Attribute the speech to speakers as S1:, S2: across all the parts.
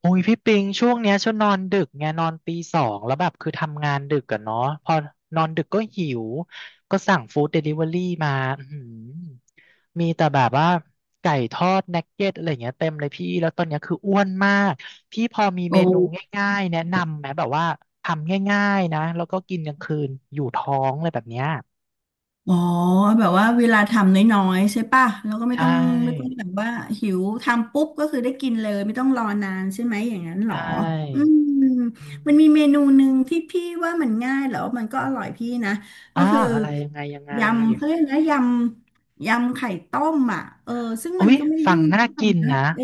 S1: โอ้ยพี่ปิงช่วงเนี้ยช่วนนอนดึกไงนอนตีสองแล้วแบบคือทำงานดึกอะเนาะพอนอนดึกก็หิวก็สั่งฟู้ดเดลิเวอรี่มาอื้อหือมีแต่แบบว่าไก่ทอดนักเก็ตอะไรเงี้ยเต็มเลยพี่แล้วตอนเนี้ยคืออ้วนมากพี่พอมีเม
S2: โอ้
S1: นูง่ายๆแนะนำไหมแบบว่าทำง่ายๆนะแล้วก็กินกลางคืนอยู่ท้องอะไรแบบเนี้ย
S2: อ๋อแบบว่าเวลาทำน้อยๆใช่ป่ะแล้วก็ไม่
S1: ใช
S2: ต้องไม่ต้อง
S1: ่
S2: แบบว่าหิวทำปุ๊บก็คือได้กินเลยไม่ต้องรอนานใช่ไหมอย่างนั้นเห
S1: ใช
S2: รออื
S1: ่
S2: ม
S1: อื
S2: มันมี
S1: ม
S2: เมนูหนึ่งที่พี่ว่ามันง่ายแล้วมันก็อร่อยพี่นะ
S1: อ๋
S2: ก็
S1: อ
S2: คือ
S1: อะไรยังไงยังไง
S2: ยำเขาเรียกนะยำไข่ต้มอ่ะเออซึ่ง
S1: อุ้
S2: มัน
S1: ย
S2: ก็ไม่ได้
S1: ฟัง
S2: ยุ่ง
S1: น่า
S2: ยาก
S1: กิน
S2: นะ
S1: นะ
S2: เออ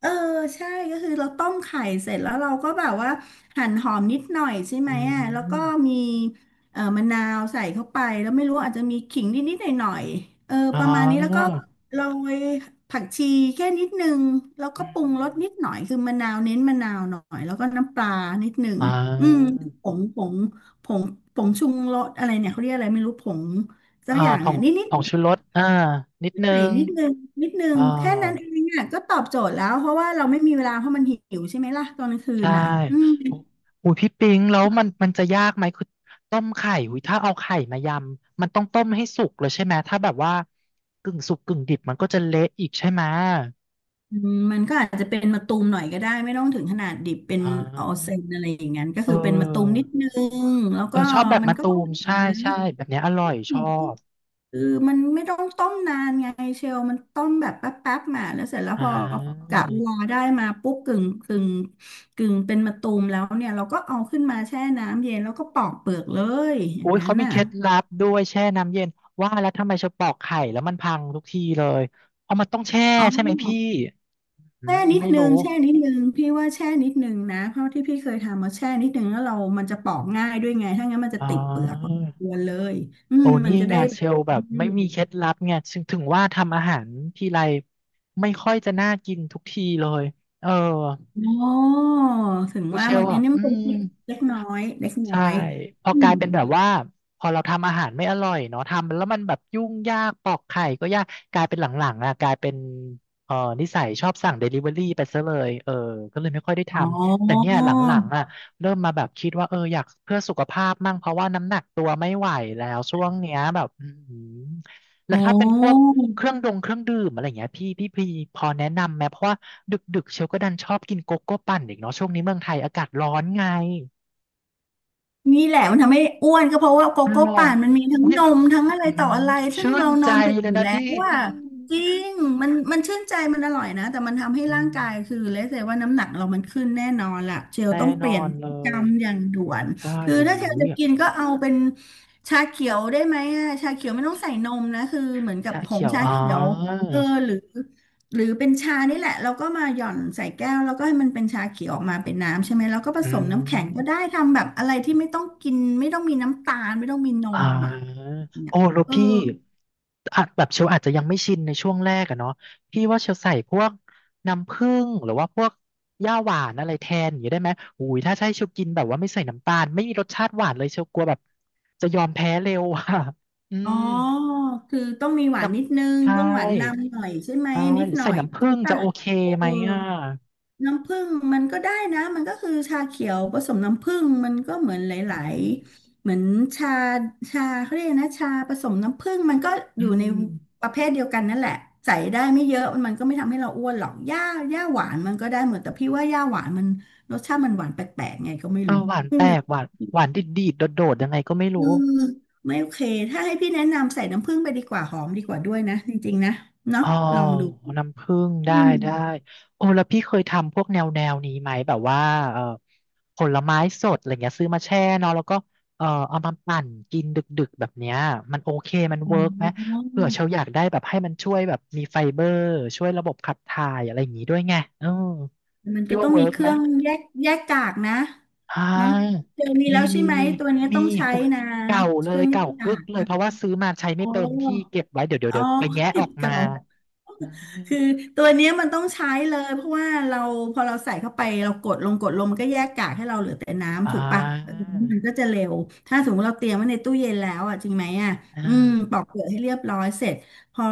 S2: เออใช่ก็คือเราต้มไข่เสร็จแล้วเราก็แบบว่าหั่นหอมนิดหน่อยใช่
S1: อื
S2: ไหมอ่ะแล้วก็
S1: ม
S2: มี มะนาวใส่เข้าไปแล้วไม่รู้อาจจะมีขิงนิดๆหน่อยๆเออ
S1: อ๋อ
S2: ประมาณนี้แล้วก็โรยผักชีแค่นิดนึงแล้วก็
S1: อื
S2: ปรุงรส
S1: ม
S2: นิดหน่อยคือมะนาวเน้นมะนาวหน่อยแล้วก็น้ำปลานิดนึง
S1: อ่
S2: อืม
S1: า
S2: ผงผงผงผงชูรสอะไรเนี่ยเขาเรียกอะไรไม่รู้ผงสัก
S1: อ่า
S2: อย่าง
S1: ผ
S2: เนี่
S1: ง
S2: ยนิด
S1: ผงชูรสอ่านิด
S2: ๆ
S1: นึ
S2: ใส่
S1: ง
S2: นิดนึงนิดนึง
S1: อ่
S2: แค่นั้นเอ
S1: า
S2: งอ่ะก็ตอบโจทย์แล้วเพราะว่าเราไม่มีเวลาเพราะมันหิวใช่ไหมล่ะตอนกลางคืน
S1: ใช่
S2: อ่ะอืม
S1: โอ้อุ้ยพี่ปิงแล้วมันมันจะยากไหมคือต้มไข่อุ้ยถ้าเอาไข่มายำมันต้องต้มให้สุกเลยใช่ไหม ถ้าแบบว่ากึ่งสุกกึ่งดิบมันก็จะเละอีกใช่ไหม
S2: อืมมันก็อาจจะเป็นมะตูมหน่อยก็ได้ไม่ต้องถึงขนาดดิบเป็น
S1: อ่า
S2: ออเซนอะไรอย่างนั้นก็
S1: เ
S2: คือเป็นมะตูม
S1: ออ
S2: นิดนึงแล้ว
S1: เออ
S2: ก็
S1: ชอบแบบ
S2: มัน
S1: มะ
S2: ก็
S1: ตู
S2: อร่
S1: ม
S2: อย
S1: ใช่
S2: นะ
S1: ใช่แบบเนี้ยอร่อย
S2: อื
S1: ชอ
S2: ม
S1: บ
S2: คือมันไม่ต้องต้มนานไงเชลมันต้มแบบแป๊บแป๊บมาแล้วเสร็จแล้ว
S1: อ่
S2: พอกะเวลา
S1: า
S2: ได้มาปุ๊บกึ่งเป็นมะตูมแล้วเนี่ยเราก็เอาขึ้นมาแช่น้ำเย็นแล้วก็ปอกเปลือกเลยอย่าง
S1: อุ้ย
S2: นั้น
S1: เขามี
S2: น่ะ
S1: เคล็ดลับด้วยแช่น้ำเย็นว่าแล้วทำไมเชอปอกไข่แล้วมันพังทุกทีเลยเพราะมันต้องแช่
S2: อ๋อ
S1: ใช่ไหมพี่อื
S2: แช่
S1: ม
S2: นิด
S1: ไม่
S2: นึ
S1: รู้
S2: งแช่นิดนึงพี่ว่าแช่นิดนึงนะเพราะที่พี่เคยทำมาแช่นิดนึงแล้วเรามันจะปอกง่ายด้วยไงถ้างั้นมันจะ
S1: อ๋อ
S2: ติดเปลือกพอสมควรเลยอื
S1: โอ้
S2: มมั
S1: นี่
S2: นจะ
S1: ไง
S2: ได้แบ
S1: เช
S2: บ
S1: ลแบ
S2: อื
S1: บไม่
S2: ม
S1: มีเคล็ดลับไงถึงว่าทำอาหารทีไรไม่ค่อยจะน่ากินทุกทีเลยเออ
S2: อ๋อถึง
S1: คือ
S2: ว่า
S1: เช
S2: มั
S1: ล
S2: นอัน
S1: อ่ะ
S2: นี้
S1: อื
S2: มันเป็น
S1: ม
S2: เล็กเล็กน้อยเล็กน้อ
S1: ใช่
S2: ย
S1: พอ
S2: อื
S1: กลา
S2: ม
S1: ยเป็นแบบว่าพอเราทำอาหารไม่อร่อยเนาะทำแล้วมันแบบยุ่งยากปอกไข่ก็ยากกลายเป็นหลังๆอ่ะกลายเป็นเออนิสัยชอบสั่งเดลิเวอรี่ไปซะเลยเออก็เลยไม่ค่อยได้ท
S2: อ๋อ
S1: ำแต่เนี่ยหลังๆอ่ะเริ่มมาแบบคิดว่าเอออยากเพื่อสุขภาพมั่งเพราะว่าน้ำหนักตัวไม่ไหวแล้วช่วงเนี้ยแบบอือหือแล้ว
S2: โอ้
S1: ถ้าเป็นพวกเครื่องดื่มอะไรอย่างเงี้ยพี่พอแนะนำไหมเพราะว่าดึกๆเชลก็ดันชอบกินโกโก้ปั่นอีกเนาะช่วงนี้เมืองไทยอากาศร้อนไง
S2: นี่แหละมันทำให้อ้วนก็เพราะว่าโกโก้
S1: หรอ
S2: ป่านมันมีทั้ง
S1: อุ๊ย
S2: นมทั้งอะไร
S1: อื
S2: ต่อ
S1: ม
S2: อะไรซึ่ง
S1: ชื่
S2: เรา
S1: น
S2: น
S1: ใจ
S2: อนดึก
S1: เล
S2: อ
S1: ย
S2: ยู่
S1: นะ
S2: แล้ว
S1: พี่
S2: ว่า
S1: อืม
S2: จริงมันชื่นใจมันอร่อยนะแต่มันทำให้
S1: อื
S2: ร่างกา
S1: ม
S2: ยคือเลเซว่าน้ำหนักเรามันขึ้นแน่นอนล่ะเชล
S1: แน่
S2: ต้องเป
S1: นอ
S2: ลี่ยน
S1: นเล
S2: พฤติกร
S1: ย
S2: รมอย่างด่วน
S1: ใช่
S2: คือ
S1: โอ้
S2: ถ้าเชล
S1: ย
S2: จะกินก็เอาเป็นชาเขียวได้ไหมอะชาเขียวไม่ต้องใส่นมนะคือเหมือนกับ
S1: ชา
S2: ผ
S1: เขี
S2: ง
S1: ยว
S2: ชา
S1: อ๋อ
S2: เขียวเออหรือ หรือเป็นชานี่แหละเราก็มาหย่อนใส่แก้วแล้วก็ให้มันเป็นชาเขียวออกมาเป็นน้ำใช่ไหมแล้วก็ผ
S1: อื
S2: สมน้ำแข็งก็ได้
S1: ม
S2: ทำแบบอะไรที่ไม่ต้องกินไม่ต้องมีน้ำตาลไม่ต้องมีน
S1: อ่
S2: มอ่ะ
S1: า
S2: เนี่ย
S1: โอ้แล้ว
S2: เออ
S1: พี่อาจแบบเชลอาจจะยังไม่ชินในช่วงแรกอะเนาะพี่ว่าเชลใส่พวกน้ำผึ้งหรือว่าพวกย่าหวานอะไรแทนอย่างนี้ได้ไหมโอ้ยถ้าใช่เชลกินแบบว่าไม่ใส่น้ำตาลไม่มีรสชาติหวานเลยเชลกลัวแบบจะยอมแพ้เร็วอ่ะอื
S2: อ๋อ
S1: ม
S2: คือต้องมีหวา
S1: น้
S2: นนิดนึง
S1: ำใช่
S2: ต้องหวานนำหน่อยใช่ไหม
S1: ใช่
S2: นิด
S1: หรือ
S2: หน่อ
S1: ใส่
S2: ย
S1: น้ำผึ้
S2: ใช่
S1: งจะ
S2: ปะ
S1: โอเค
S2: เออ
S1: ไหมอ่ะ
S2: น้ำผึ้งมันก็ได้นะมันก็คือชาเขียวผสมน้ำผึ้งมันก็เหมือนหล
S1: อื
S2: าย
S1: ม
S2: ๆเหมือนชาชาเขาเรียกนะชาผสมน้ำผึ้งมันก็
S1: อื
S2: อยู่ใน
S1: ม
S2: ประเภทเดียวกันนั่นแหละใส่ได้ไม่เยอะมันก็ไม่ทำให้เราอ้วนหรอกหญ้าหวานมันก็ได้หมดแต่พี่ว่าหญ้าหวานมันรสชาติมันหวานแปลกๆไงก็ไม่
S1: เอ
S2: รู้
S1: อหวานแปล
S2: ใน
S1: กหวานหวานดีดดีดโดดโดดยังไงก็ไม่
S2: เออ
S1: รู้
S2: ไม่โอเคถ้าให้พี่แนะนำใส่น้ำผึ้งไปดีกว่าหอมดีกว่าด้วยนะจริงๆนะเนาะ
S1: อ๋อ
S2: ลองดู
S1: น้ำผึ้งได้
S2: อืม
S1: ได้โอ้แล้วพี่เคยทำพวกแนวแนวนี้ไหมแบบว่าเออผลไม้สดอะไรเงี้ยซื้อมาแช่เนาะแล้วก็เออเอามาปั่นกินดึกๆแบบเนี้ยมันโอเคมันเวิร์กไหมเผื่อเชลอยากได้แบบให้มันช่วยแบบมีไฟเบอร์ช่วยระบบขับถ่ายอะไรอย่างงี้ด้วยไงเออ
S2: มัน
S1: คิ
S2: ก็
S1: ด
S2: ต้
S1: ว่า
S2: อง
S1: เวิ
S2: มี
S1: ร์ก
S2: เค
S1: ไหม
S2: รื่องแยกกากนะ
S1: อ่
S2: น้อง
S1: า
S2: เจอมี
S1: มี
S2: แล้วใช่
S1: มี
S2: ไหม
S1: มี
S2: ตัวนี้
S1: มี
S2: ต้องใช้
S1: โอ้ย
S2: นะ
S1: เก่าเล
S2: เครื่
S1: ย
S2: องแย
S1: เก่า
S2: กกา
S1: กึก
S2: ก
S1: เลย
S2: นะ
S1: เพราะว่าซื้อมาใช้
S2: โอ้
S1: ไม่เป็นพี่เก็บไว้เดี๋ยวเดี๋ยว
S2: อ๋อ
S1: เดี๋ยวไปแงะ
S2: เก็
S1: ออ
S2: บ
S1: กมา
S2: เก่า
S1: อืม
S2: คือตัวเนี้ยมันต้องใช้เลยเพราะว่าเราพอเราใส่เข้าไปเรากดลงมันก็แยกกากให้เราเหลือแต่
S1: อ่
S2: น้ำถูกปะเออ
S1: า
S2: มันก็จะเร็วถ้าสมมติเราเตรียมไว้ในตู้เย็นแล้วอ่ะจริงไหมอ่ะ
S1: อ่
S2: อืมปอก
S1: า
S2: เปลือกให้เรียบร้อยเสร็จพอ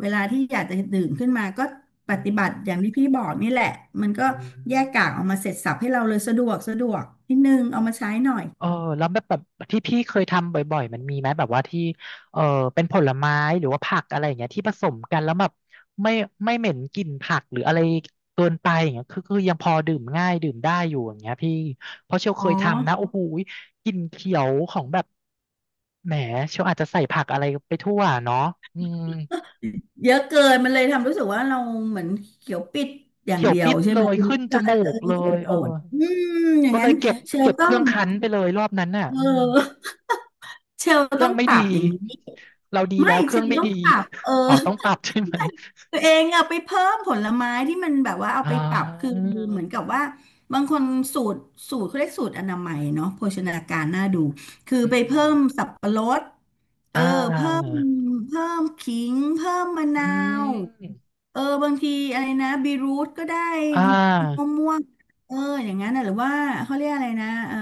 S2: เวลาที่อยากจะดื่มขึ้นมาก็ป
S1: อื
S2: ฏิบัติอย่าง
S1: ม
S2: ที่พี่บอกนี่แหละมันก็
S1: อ
S2: แยก
S1: ื
S2: กากออกมาเสร็จสรรพให้เราเลยสะดวกนิดนึงเอา
S1: ม
S2: มาใช้หน่อย
S1: เออแล้วแบบแบบที่พี่เคยทำบ่อยๆมันมีไหมแบบว่าที่เออเป็นผลไม้หรือว่าผักอะไรอย่างเงี้ยที่ผสมกันแล้วแบบไม่ไม่เหม็นกลิ่นผักหรืออะไรเกินไปอย่างเงี้ยคือยังพอดื่มง่ายดื่มได้อยู่อย่างเงี้ยพี่เพราะเชล
S2: อ๋อ
S1: เคยทำนะโอ้โหกลิ่นเขียวของแบบแหมเชลอาจจะใส่ผักอะไรไปทั่วเนาะอืม
S2: เยอะเกินมันเลยทำรู้สึกว่าเราเหมือนเขียวปิดอย่าง
S1: เขียว
S2: เดียว
S1: ปิด
S2: ใช่
S1: เล
S2: ไหม
S1: ยขึ้นจ
S2: จะ
S1: มู
S2: เออ
S1: กเล
S2: เขียว
S1: ย
S2: โด
S1: เออ
S2: ดอืมอย่า
S1: ก็
S2: ง
S1: เล
S2: นั้น
S1: ยเก็บ
S2: เชล
S1: เก็บ
S2: ต้
S1: เค
S2: อ
S1: รื่
S2: ง
S1: องคั้นไปเลยรอบนั้นน่ะ
S2: เ
S1: อืม
S2: ออเชล
S1: เครื่
S2: ต้อ
S1: อง
S2: ง
S1: ไม่
S2: ปรับ
S1: ดี
S2: อย่างนี้
S1: เราดี
S2: ไม่
S1: แล้วเค
S2: เช
S1: รื่อง
S2: ล
S1: ไม่
S2: ต้อง
S1: ดี
S2: ปรับเออ
S1: อ๋อต้องปรับใช่ไหม
S2: ตัวเองเอาไปเพิ่มผลไม้ที่มันแบบว่าเอา
S1: อ๋
S2: ไปปรับคือ
S1: อ
S2: เหมือนกับว่าบางคนสูตรสูตรเขาเรียกสูตรอนามัยเนาะโภชนาการน่าดูคือ
S1: อื
S2: ไปเพิ่
S1: ม
S2: มสับปะรดเออ
S1: อ่า
S2: เพิ่มเพิ่มขิงเพิ่มมะ
S1: อื
S2: นาว
S1: ม
S2: เออบางทีอะไรนะบีรูทก็ได้
S1: อ่
S2: มะ
S1: า
S2: ม่วงเอออย่างนั้นนะหรือว่าเขาเรียกอะไรนะเออ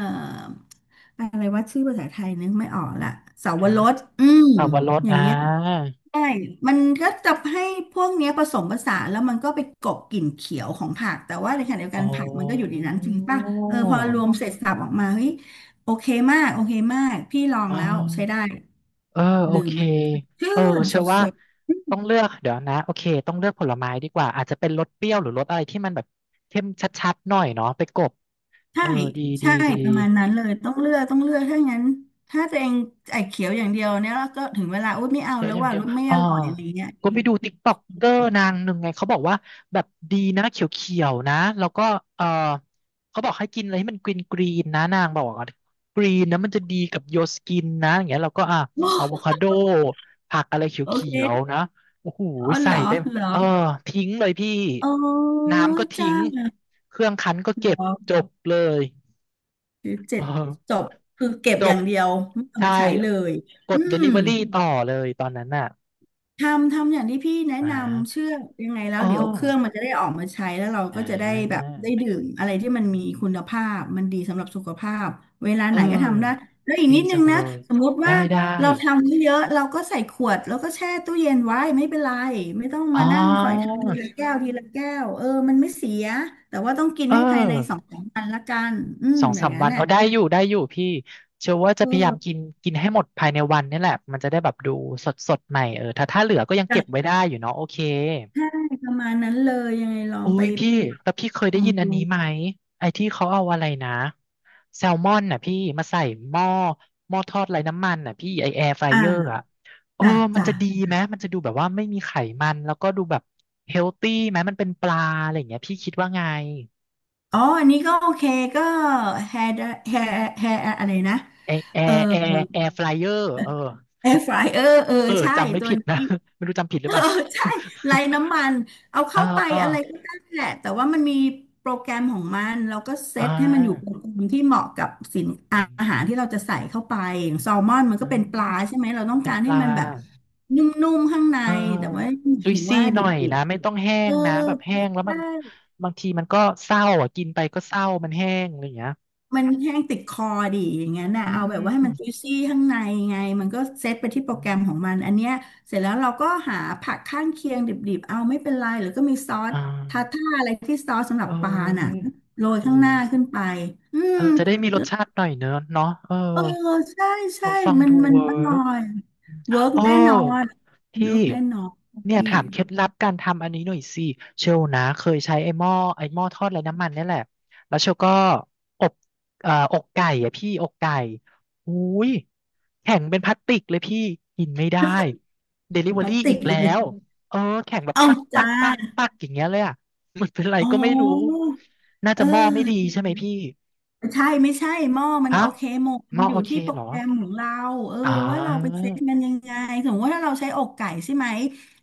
S2: อะไรว่าชื่อภาษาไทยนึกไม่ออกละเสาว
S1: ฮะ
S2: รสอืม
S1: สับปะรด
S2: อย่า
S1: อ่า
S2: งเงี้ย ใช่มันก็จะให้พวกเนี้ยผสมผสานแล้วมันก็ไปกลบกลิ่นเขียวของผักแต่ว่าในขณะเดียว
S1: อ๋
S2: กั
S1: อ
S2: นผักมันก็อยู่ในนั้นจริงป่ะเออพอรวมเสร็จสรรพออกมาเฮ้ยโอเคมากโอเคมากพี่ลอง
S1: อ๋อ
S2: แล้วใช้ได้
S1: เออโอ
S2: ดื่
S1: เค
S2: มแล้วชื่
S1: เออ
S2: นส
S1: เชื่อ
S2: ด
S1: ว่า
S2: สด
S1: ต้องเลือกเดี๋ยวนะโอเคต้องเลือกผลไม้ดีกว่าอาจจะเป็นรสเปรี้ยวหรือรสอะไรที่มันแบบเข้มชัดๆหน่อยเนาะไปกบเอ
S2: ใช่
S1: อดีดี
S2: ใช่
S1: ดี
S2: ประมาณนั้นเลยต้องเลือกต้องเลือกถ้างั้นถ้าตัวเองไอ้เขียวอย่างเดียวเนี่ยแล้วก็ถึงเวลาอุ้ยไม่เอา
S1: เขียว
S2: แล้ว
S1: อย่าง
S2: ว่า
S1: เดียว
S2: รู้ไม่
S1: อ๋
S2: อ
S1: อ
S2: ร่อยอะไรเงี้ย
S1: ก็ไปดูติ๊กต็อกเกอร์นางหนึ่งไงเขาบอกว่าแบบดีนะเขียวๆนะ แล้วก็ เออเขาบอกให้กินอะไรให้มันกรีนกรีนนะนางบอกว่ากรีนนะมันจะดีกับโยสกินนะอย่างเงี้ยแล้วก็อ่ะอะโวคาโดผักอะไรเข
S2: โอ
S1: ียว
S2: เค
S1: ๆนะโอ้โห
S2: อ๋อเห
S1: ใส่
S2: รอ
S1: ได้
S2: เหรอ
S1: เออทิ้งเลยพี่
S2: โอ้
S1: น้ำ
S2: ย
S1: ก็
S2: จ้า
S1: ทิ้ง
S2: เ
S1: เครื่องคั้นก็
S2: หร
S1: เก็บจ
S2: อ
S1: บเลย
S2: หรือเจ็
S1: เออ
S2: ดจบคือเก็บ
S1: จ
S2: อ
S1: บ
S2: ย่างเดียวไม่เอา
S1: ใช่
S2: มาใช้เลย
S1: ก
S2: อื
S1: ด
S2: ม
S1: Delivery ต่อเลยตอนนั้นน่ะ
S2: ทำอย่างที่พี่แนะ
S1: อ่า
S2: นำเชื่อยังไงแล้ว
S1: อ๋อ
S2: เดี๋ยวเครื่องมันจะได้ออกมาใช้แล้วเรา
S1: อ่
S2: ก็จะได้แบ
S1: า
S2: บได้ดื่มอะไรที่มันมีคุณภาพมันดีสำหรับสุขภาพเวลา
S1: เอ
S2: ไหนก็ทำได้
S1: อ
S2: แล้วอีก
S1: ดี
S2: นิดนึ
S1: จั
S2: ง
S1: งเล
S2: นะ
S1: ย
S2: สมมติ
S1: ได้
S2: ว่า
S1: ได้
S2: เราทำไม่เยอะเราก็ใส่ขวดแล้วก็แช่ตู้เย็นไว้ไม่เป็นไรไม่ต้อง
S1: อ๋อ
S2: มานั่งคอยทำทีละแก้วทีละแก้วเออมันไม่เสียแต่ว่าต้องกิน
S1: เอ
S2: ให้ภายใน
S1: อ
S2: สองสามวันละกันอืม
S1: สอง
S2: อ
S1: สา
S2: ย่าง
S1: ม
S2: นั้
S1: วั
S2: น
S1: น
S2: น่ะ
S1: เอาได้อยู่ได้อยู่พี่เชื่อว่า
S2: เ
S1: จะพยายามกิ
S2: ออ
S1: นกินให้หมดภายในวันนี่แหละ มันจะได้แบบดูสดสดใหม่เออถ้าเหลือก็ยังเก็บไว้ได้อยู่เนาะโอเค
S2: ใช่ประมาณนั้นเลยยังไงลอ
S1: โอ้
S2: งไป
S1: ยพี่แล้วพี่เคยได้ยิน
S2: ทำ
S1: อัน
S2: ดู
S1: นี้ไหม ไอ้ที่เขาเอาอะไรนะแซลมอนน่ะพี่มาใส่หม้อหม้อทอดไร้น้ำมันน่ะพี่ไอแอร์ไฟเออร์
S2: อ่า
S1: อะเออ
S2: จ้ะ
S1: มัน
S2: จ้ะ
S1: จะดีไหมมันจะดูแบบว่าไม่มีไขมันแล้วก็ดูแบบเฮลตี้ไหมมันเป็นปลาอะไรอย่างเงี้ยพี่คิดว่าไง
S2: อ๋ออันนี้ก็โอเคก็แฮร์แฮร์อะไรนะ
S1: ไอแอ
S2: เออ
S1: ร์แอร์ไฟเออร์เออ
S2: แอร์ฟรายเออเออ
S1: เออ
S2: ใช่
S1: จำไม่
S2: ตัว
S1: ผิดนะ
S2: นี้
S1: ไม่รู้จำผิดห รื
S2: เอ
S1: อ
S2: อ
S1: เปล่า
S2: ใช่ไร้น้ำมันเอา
S1: เออ
S2: เข้าไป
S1: เออ
S2: อะไรก็ได้แหละแต่ว่ามันมีโปรแกรมของมันเราก็เซ
S1: อ่
S2: ตให้มันอยู่เป็
S1: า
S2: นกลุ่มที่เหมาะกับสิน
S1: อื
S2: อาอาหาร
S1: ม
S2: ที่เราจะใส่เข้าไปอย่างแซลมอนมัน
S1: อื
S2: ก็เป็นปลา
S1: ม
S2: ใช่ไหมเราต้อง
S1: เป็น
S2: การ
S1: ป
S2: ให้
S1: ลา
S2: มันแบบนุ่มๆข้างใน
S1: เออ
S2: แต่ว่าหมา
S1: จุ
S2: ย
S1: ย
S2: ถึง
S1: ซี่
S2: ว่า
S1: ห
S2: ดิ
S1: น่อ
S2: บ
S1: ยนะ ไม่ต้องแห้
S2: เออ
S1: งนะ แบบแห้งแล้วมั
S2: ใช่
S1: นบางทีมันก็เศร้าอ่ะกินไปก็เศร้ามันแห้งอะไรอย่างเงี้ย
S2: มันแห้งติดคอดิอย่างงั้นน่ะ
S1: อื
S2: เอาแบบว่าให้มัน
S1: ม
S2: จุยซี่ข้างในไงมันก็เซตไปที่โปรแกรมของมันอันเนี้ยเสร็จแล้วเราก็หาผักข้างเคียงดิบๆ เอาไม่เป็นไรหรือก็มีซอส
S1: อ่
S2: ทาท่า
S1: า
S2: อะไรที่ซอสสำหรั
S1: เอ
S2: บปลาน่ะ
S1: อ
S2: โรยข้าง
S1: อุ้
S2: หน้า
S1: ย
S2: ขึ้นไปอื
S1: เอ
S2: ม
S1: อ จะได้มีรสชาติหน่อยเนอะเนาะเออ
S2: เออใช่
S1: เอ
S2: ใช่
S1: อฟัง
S2: มัน
S1: ดู
S2: มัน
S1: เวิ
S2: อร่อ
S1: ร์ก
S2: ยเวิร์ก
S1: โอ้
S2: แน่นอน
S1: พี่
S2: เวิร์กแน่นอน
S1: เนี่ย
S2: พี่
S1: ถามเคล็ดลับการทำอันนี้หน่อยสิเชลนะเคยใช้ไอ้หม้อทอดไร้น้ำมันเนี่ยแหละแล้วเชลก็อบอกไก่อะพี่อกไก่อุ้ยแข็งเป็นพลาสติกเลยพี่กินไม่ได้เดลิ
S2: เป็น
S1: เวอ
S2: พลาส
S1: รี่
S2: ติ
S1: อี
S2: ก
S1: ก
S2: เล
S1: แล้
S2: ย
S1: วเออแข็งแบบ
S2: เอ้า
S1: ปักปั
S2: จ้า
S1: กปักปักอย่างเงี้ยเลยอ่ะมันเป็นไร
S2: อ๋
S1: ก็ไม่รู้
S2: อ
S1: น่า
S2: เอ
S1: จะหม้อไม่ดี
S2: อ
S1: ใช่ไหมพี่
S2: ใช่ไม่ใช่หม้อมัน
S1: อ้า
S2: โอ
S1: ว
S2: เคหมด
S1: ห
S2: มั
S1: ม้
S2: น
S1: อ
S2: อ
S1: โอ
S2: ยู่
S1: เค
S2: ที่โปร
S1: เหรอ
S2: แกรมของเราเออ
S1: อ๋อ
S2: ว่าเราไปเซ็ตมันยังไงสมมติว่าถ้าเราใช้อกไก่ใช่ไหม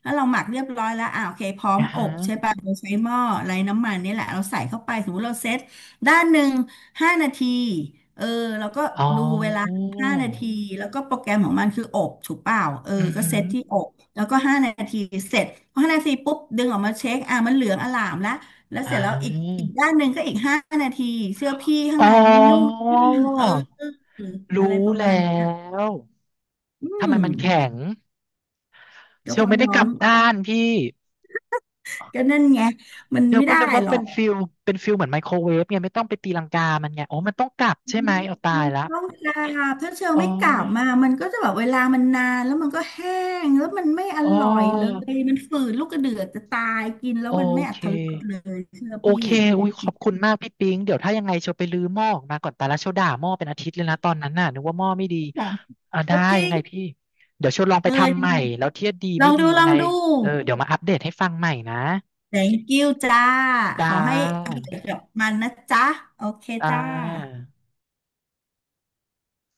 S2: แล้วเราหมักเรียบร้อยแล้วอ่าโอเคพร้อม
S1: อ่า
S2: อ
S1: ฮะ
S2: บใช่ป่ะเราใช้หม้อไร้น้ำมันนี่แหละเราใส่เข้าไปสมมติเราเซ็ตด้านหนึ่งห้านาทีเออแล้วก็
S1: อ๋อ
S2: ดูเวลาห้านาทีแล้วก็โปรแกรมของมันคืออบถูกเปล่าเออ
S1: อือ
S2: ก็
S1: หื
S2: เซ็
S1: อ
S2: ตที่อบแล้วก็ห้านาทีเสร็จพอห้านาทีปุ๊บดึงออกมาเช็คอ่ะมันเหลืองอล่ามละ แล้ว
S1: อ่
S2: เสร็จแล้วอีก
S1: า
S2: อีกด้านหนึ่งก็อีกห้านาทีเสื้อพี่ข้าง
S1: อ๋
S2: ในนี่นุ่ม
S1: อ
S2: เออ
S1: รู้
S2: อะไรประ
S1: แล้
S2: มาณเนี้ย
S1: ว
S2: อื
S1: ทำไม
S2: ม
S1: มันแข็ง
S2: ก็
S1: เช
S2: เพ
S1: ล
S2: ราะ
S1: ไม่ได้
S2: น้อ
S1: กลั
S2: ง
S1: บด้านพี่
S2: ก็นั่นไงมัน
S1: เชล
S2: ไม่
S1: ก็
S2: ได้
S1: นึกว่า
S2: หรอ
S1: เป็นฟิ
S2: ก
S1: ลเป็นฟิลเหมือนไมโครเวฟไงไม่ต้องไปตีลังกามันไงโอ้มันต้องกลับ
S2: อื
S1: ใช่ไห
S2: ม
S1: มเอาตาย
S2: มัน
S1: ละ
S2: ต้องกราบถ้าเชล
S1: อ๋อ
S2: ไม่กราบมามันก็จะแบบเวลามันนานแล้วมันก็แห้งแล้วมันไม่อ
S1: อ๋อ
S2: ร่อยเลยมันฝืดลูกกระเดือกจะตายกินแล้ว
S1: โอ
S2: มันไม่อร
S1: เค
S2: รถรสเลยเชื่อ
S1: โอ
S2: พี่
S1: เคอุ้ยขอบคุณมากพี่ปิ๊งเดี๋ยวถ้ายังไงเชลไปรื้อหม้อออกมาก่อนแต่ละเชลด่าหม้อเป็นอาทิตย์เลยนะตอนนั้นน่ะนึกว่าหม้อไม่ดี
S2: อย่างนี้
S1: อ่า
S2: กราบ
S1: ได้
S2: ก็จริ
S1: ยัง
S2: ง
S1: ไงพี่ เดี๋ยวเชลลองไป
S2: เออ
S1: ทำ
S2: ยั
S1: ให
S2: ง
S1: ม่
S2: ไง
S1: แล้วเทียบดี
S2: ลอ
S1: ไม่
S2: ง
S1: ดี
S2: ดู
S1: ยั
S2: ล
S1: ง
S2: อ
S1: ไง
S2: งดู
S1: เออเดี๋ยวมาอัปเดตให้ฟังใหม่นะ
S2: thank you จ้าข
S1: จ้า
S2: อให้อร่อยกับมันนะจ๊ะโอเค
S1: จ้า
S2: จ้า